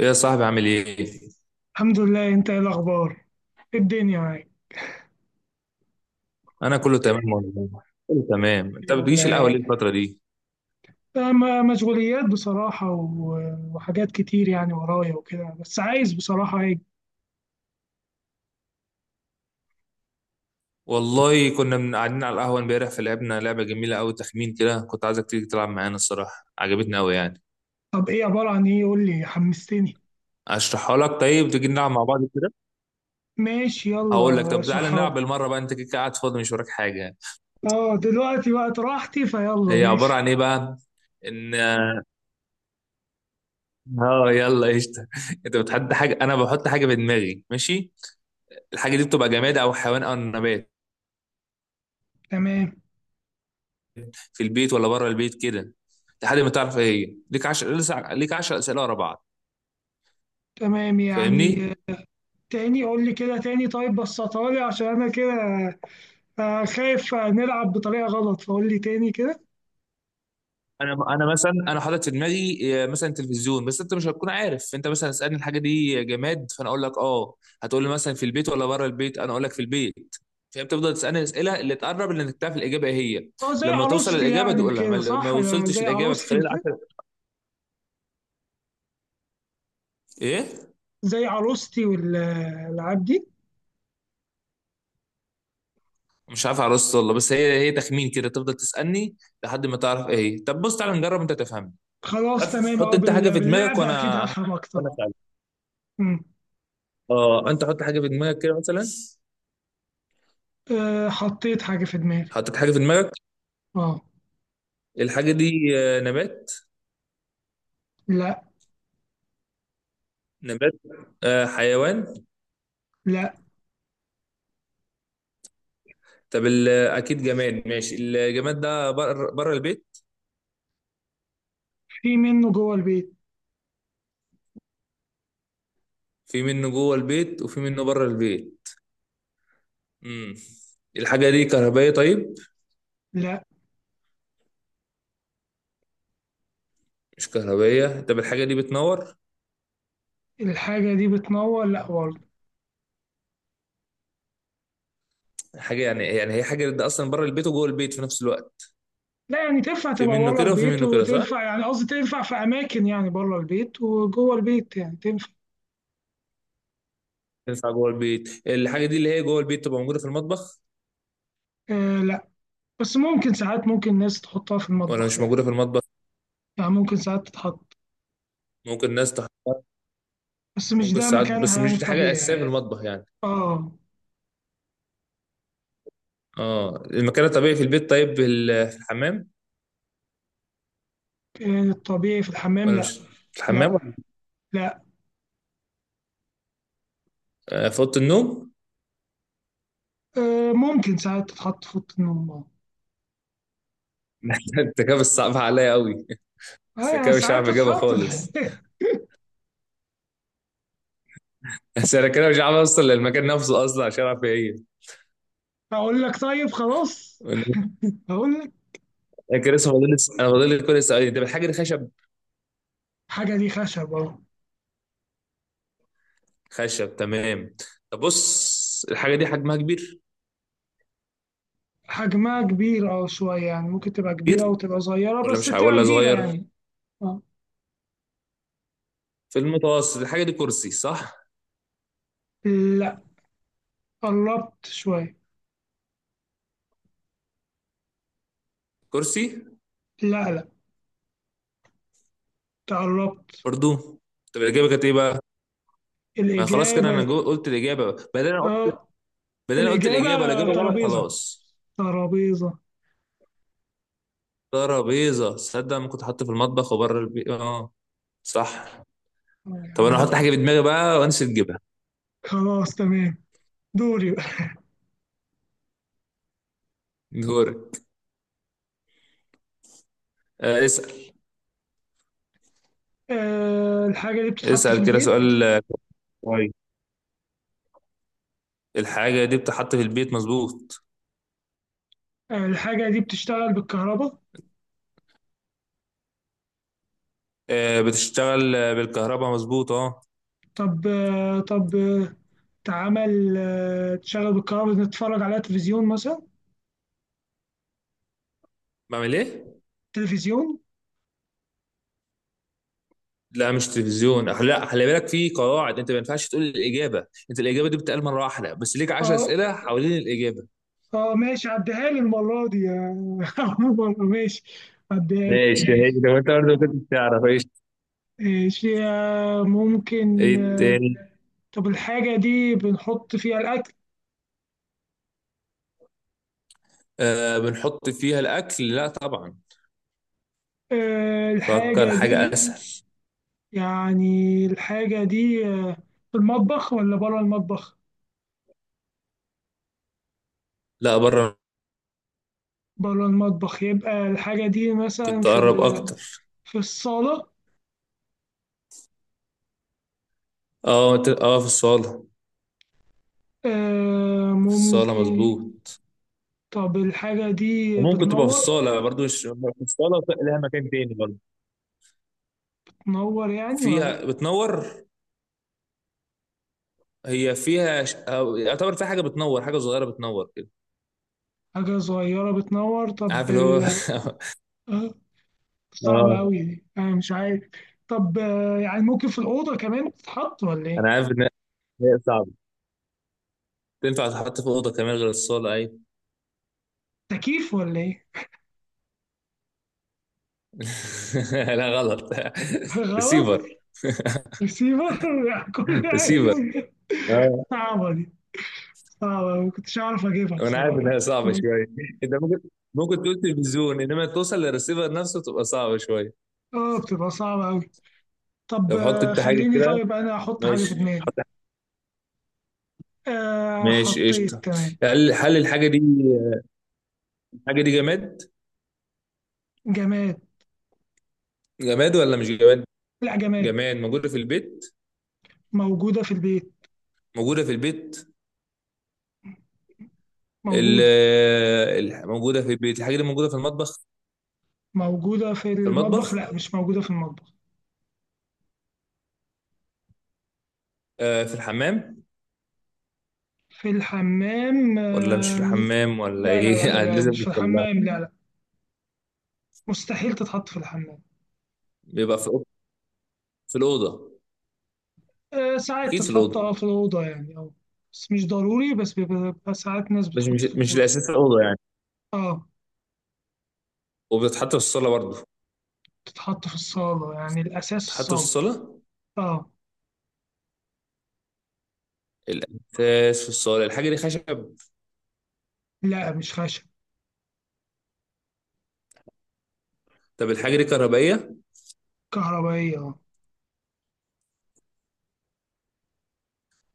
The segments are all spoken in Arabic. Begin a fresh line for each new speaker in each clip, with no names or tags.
ايه يا صاحبي؟ عامل ايه؟
الحمد لله، انت ايه الاخبار؟ ايه الدنيا معاك؟
انا كله تمام والله، كله تمام. انت ما
الحمد لله
بتجيش
يا
القهوه ليه
رب.
الفتره دي؟
مشغوليات بصراحة وحاجات كتير يعني ورايا وكده، بس عايز بصراحة ايه.
والله كنا من قاعدين على القهوه امبارح فلعبنا لعبه جميله قوي، تخمين كده، كنت عايزك تيجي تلعب معانا. الصراحه عجبتني قوي يعني.
طب ايه؟ عبارة عن ايه؟ قول لي حمستني.
اشرحها لك، طيب تيجي نلعب مع بعض كده؟
ماشي،
هقول لك،
يلا
طب تعالى
اشرحها
نلعب
لي.
بالمره بقى، انت كده كده قاعد فاضي مش وراك حاجه يعني.
اه دلوقتي وقت راحتي فيلا،
هي عباره
ماشي.
عن ايه بقى؟ ان اه يلا قشطه انت بتحط حاجه، انا بحط حاجه في دماغي، ماشي؟ الحاجه دي بتبقى جماد او حيوان او نبات،
تمام
في البيت ولا بره البيت كده، لحد ما تعرف ايه هي. ليك 10 اسئله ورا بعض،
تمام يعني
فاهمني؟
تاني قول لي كده تاني، طيب بسطها لي عشان انا كده خايف نلعب بطريقة غلط، فقول لي تاني كده.
انا مثلا انا حاطط في دماغي مثلا تلفزيون، بس انت مش هتكون عارف. انت مثلا اسالني الحاجه دي جماد، فانا اقول لك اه. هتقول لي مثلا في البيت ولا بره البيت، انا اقول لك في البيت. فانت تفضل تسالني الاسئله اللي تقرب اللي انك تعرف الاجابه ايه هي.
اه زي
لما توصل
عروستي
الاجابه
يعني
تقولها، ما
وكده،
ما
صح؟
وصلتش
زي
الاجابه في
عروستي
خلال
وكده.
10. ايه،
زي عروستي والالعاب دي؟
مش عارف عرست والله، بس هي تخمين كده، تفضل تسالني لحد ما تعرف ايه هي. طب بص تعالى نجرب انت تفهم.
خلاص
حط
تمام،
حط
اه
انت حاجه في دماغك،
باللعب اكيد
وانا
هفهم اكتر،
انا
اه.
اسالك.
أمم.
اه، انت حط حاجه في دماغك كده مثلا.
حطيت حاجه في دماغي.
حطيت حاجه في دماغك؟
اه.
الحاجه دي نبات؟
لا.
نبات، حيوان؟
لا،
طب اكيد جماد، ماشي. الجماد ده بره، البيت؟
في منه جوه البيت.
في منه جوه البيت وفي منه بره البيت. امم، الحاجه دي كهربائيه؟ طيب
لا.
مش كهربائيه. طب الحاجه دي بتنور؟
الحاجه دي بتنور؟ لا برضه.
حاجه يعني، يعني هي حاجه ده اصلا بره البيت وجوه البيت في نفس الوقت؟
لا يعني تنفع
في
تبقى
منه
بره
كده وفي
البيت
منه كده، صح.
وتنفع، يعني قصدي تنفع في اماكن يعني بره البيت وجوه البيت، يعني تنفع.
تنفع جوه البيت. الحاجه دي اللي هي جوه البيت تبقى موجوده في المطبخ
آه لا، بس ممكن ساعات ممكن الناس تحطها في
ولا
المطبخ
مش موجودة
يعني،
في المطبخ؟
يعني ممكن ساعات تتحط،
ممكن ناس تحطها،
بس مش
ممكن
ده
ساعات،
مكانها
بس
يعني
مش دي حاجة
الطبيعي
أساسية في
يعني.
المطبخ يعني.
اه.
اه، المكان الطبيعي في البيت، طيب في الحمام؟
الطبيعي في الحمام
ولا مش
لا.
في الحمام ولا
لا. لا.
في أوضة النوم؟
ممكن ساعات تتحط في أوضة النوم آه.
انت كده بتصعب عليا قوي،
اه
انا
يعني
كده مش عارف
ساعات
اجابها
تتحط.
خالص. بس انا كده مش عارف اوصل للمكان نفسه اصلا عشان اعرف ايه هي.
اقول لك طيب خلاص، اقول لك.
انا كده لسه فاضل لي- س- انا فاضل لي كل سؤالين. طب الحاجه دي خشب؟
حاجه دي خشب اهو.
خشب، تمام. طب بص الحاجه دي حجمها كبير؟
حجمها كبير، اه شويه، يعني ممكن تبقى كبيره
كبير
وتبقى صغيره،
ولا
بس
مش ع-
بتبقى
ولا
كبيره
صغير؟
يعني. اه.
في المتوسط. الحاجه دي كرسي، صح؟
لا، قربت شويه.
كرسي؟
لا، تقربت.
برضو؟ طب الاجابه كانت ايه بقى؟ ما خلاص كده،
الاجابه.
قلت الاجابه،
اه،
بدل انا قلت
الاجابه
الاجابه، الاجابه غلط
ترابيزه.
خلاص.
ترابيزه.
ترابيزه! تصدق ما كنت حاطه في المطبخ وبره البيت؟ اه، صح.
اه
طب انا هحط
يعني.
حاجه في دماغي بقى، وانسى تجيبها.
خلاص تمام، دوري بقى.
دورك. آه
آه الحاجه دي بتتحط في
اسال كده
البيت.
سؤال كويس. الحاجه دي بتحط في البيت، مظبوط.
الحاجة دي بتشتغل بالكهرباء.
بتشتغل بالكهرباء، مظبوط، اه.
طب طب تعمل تشغل بالكهرباء، نتفرج عليها، تلفزيون مثلا.
بعمل ايه؟
تلفزيون.
لا مش تلفزيون، لا، خلي بالك في قواعد، انت ما ينفعش تقول الاجابه. انت الاجابه دي بتتقال مره واحده بس، ليك
اه.
10 اسئله حوالين الاجابه.
اه ماشي، عديها لي المرة دي عموما ماشي، عديها لي.
ماشي، هي لو انت برضه كنت تعرف ايش.
ماشي ممكن
ايه تاني؟
طب الحاجة دي بنحط فيها الأكل؟
بنحط فيها الاكل؟ لا طبعا. فكر
الحاجة
حاجه
دي
اسهل.
يعني، الحاجة دي في المطبخ ولا بره المطبخ؟
لا، بره.
بره المطبخ، يبقى الحاجة دي مثلا
كنت
في
اقرب
ال...
اكتر.
في الصالة.
اه في الصاله.
آه
في الصاله،
ممكن.
مظبوط.
طب الحاجة دي
وممكن تبقى في
بتنور؟
الصاله برضه، مش في الصاله، لها مكان تاني برضه.
بتنور يعني ولا لأ؟
فيها بتنور، هي فيها أو يعتبر فيها حاجه بتنور، حاجه صغيره بتنور كده.
حاجة صغيرة بتنور، طب
عارف اللي هو؟
ال... آه صعبة
اه.
أوي دي، أنا مش عارف. طب آه، يعني ممكن في الأوضة كمان تتحط، ولا إيه؟
انا عارف ان هي صعبه، تنفع تتحط في اوضه كمان غير الصاله، ايوه.
تكييف ولا إيه؟
لا غلط.
غلط.
ريسيفر.
ريسيفر يعني كل حاجة
ريسيفر،
ممكن.
اه.
صعبة دي، صعبة ما كنتش أعرف أجيبها
وانا عارف
بصراحة.
انها صعبه شويه، انت ممكن تقول تلفزيون، انما توصل للريسيفر نفسه تبقى صعبه شويه.
آه بتبقى صعبة أوي. طب
طب حط
آه،
انت حاجه
خليني
كده،
طيب أنا أحط حاجة في
ماشي،
دماغي.
حط حاجة.
آه
ماشي قشطه.
حطيت، تمام.
هل الحاجه دي، الحاجه دي جماد؟
جماد.
جماد ولا مش جماد؟
لا جماد.
جماد موجوده في البيت؟
موجودة في البيت.
موجوده في البيت. ال...
موجودة.
موجوده في البيت، الحاجه دي موجوده في المطبخ؟
موجودة في
في
المطبخ
المطبخ؟
لا، مش موجودة في المطبخ.
في الحمام؟
في الحمام
ولا مش في
آم،
الحمام ولا
لا لا
ايه؟
لا
يعني
لا،
لازم
مش في
نوصل.
الحمام، لا لا. مستحيل تتحط في الحمام.
بيبقى في الأوضة؟ في الأوضة؟
ساعات
أكيد في
تتحط
الأوضة.
اه في الأوضة يعني، اه. بس مش ضروري، بس بيبقى، بيبقى ساعات ناس
مش مش
بتحط في
مش
الأوضة.
الأساس في الأوضة يعني.
اه.
وبتتحط في الصالة برضه،
تتحط في الصالة يعني الأساس
بتتحط في
الصالة.
الصالة،
اه.
الأساس في الصالة. الحاجة دي خشب؟
لا مش خشب.
طب الحاجة دي كهربائية؟
كهربائية، اه.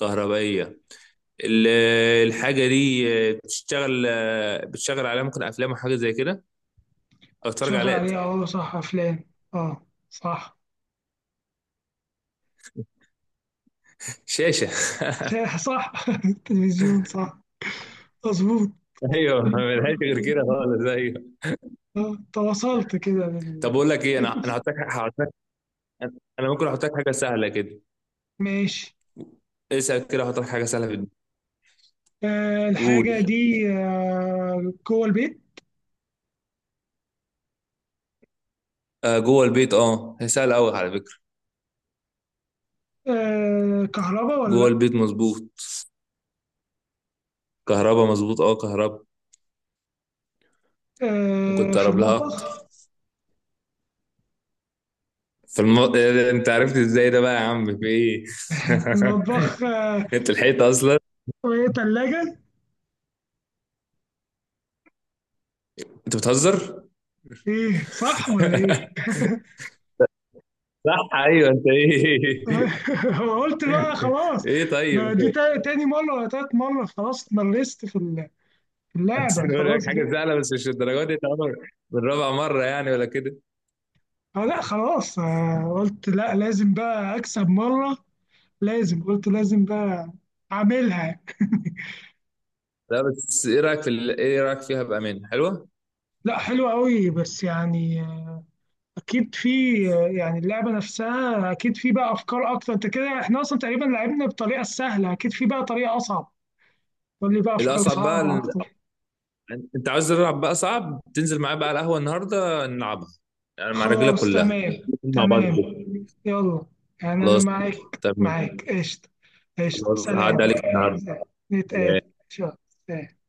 كهربائية. ال- الحاجة دي بتشتغل، بتشتغل عليها ممكن أفلام وحاجة زي كده، أو تتفرج
تشغل
عليها.
عليها اه، صح، أفلام. اه صح.
شاشة!
شاح صح التلفزيون، صح. مظبوط.
ايوه، ملهاش غير كده خالص، ايوه.
تواصلت كده
طب
بال...
اقول لك ايه، انا هحط لك، انا ممكن احط لك حاجه سهله كده.
ماشي.
اسال كده، احط لك حاجه سهله في الدنيا.
آه الحاجة
قول.
دي آه جوه البيت.
آه جوه البيت، اه، هي سهله قوي على فكره.
آه كهرباء ولا
جوه
لأ؟
البيت مظبوط. كهربا مظبوط، اه كهربا. ممكن
آه في
تقرب لها اكتر.
المطبخ.
إيه ده؟ انت عرفت ازاي ده بقى يا عم في ايه؟
المطبخ آه.
انت لحقت اصلا،
وإيه تلاجة؟
انت بتهزر.
إيه، صح ولا إيه؟
صح، ايوه، انت ايه.
قلت بقى خلاص.
ايه طيب
ما
انت.
دي تاني مرة ولا تالت مرة، خلاص اتمرست في ال... في اللعبة
عشان اقول لك
خلاص كده.
حاجه سهله بس مش الدرجات دي طبعا. بالرابع مره يعني ولا كده؟
اه لا خلاص، قلت لا، لازم بقى اكسب مره. لازم، قلت لازم بقى اعملها.
لا بس ايه رايك في ايه رايك فيها بامان، حلوه؟
لا حلوه قوي، بس يعني اكيد في يعني اللعبه نفسها اكيد في بقى افكار اكتر. انت كده احنا اصلا تقريبا لعبنا بالطريقه السهله، اكيد في بقى طريقه اصعب. قول لي بقى افكار
الاصعب بقى
صعبه اكتر.
انت عاوز تلعب بقى صعب؟ تنزل معايا بقى على القهوه النهارده نلعبها، يعني مع الرجاله
خلاص
كلها،
تمام
مع بعض
تمام.
كده.
يلا، يعني انا
خلاص
معاك،
تمام.
معاك قشطه. قشطه،
خلاص هعدي
سلام.
عليك النهارده.
سلام. نتقابل
سلام.
ان شاء الله. سلام.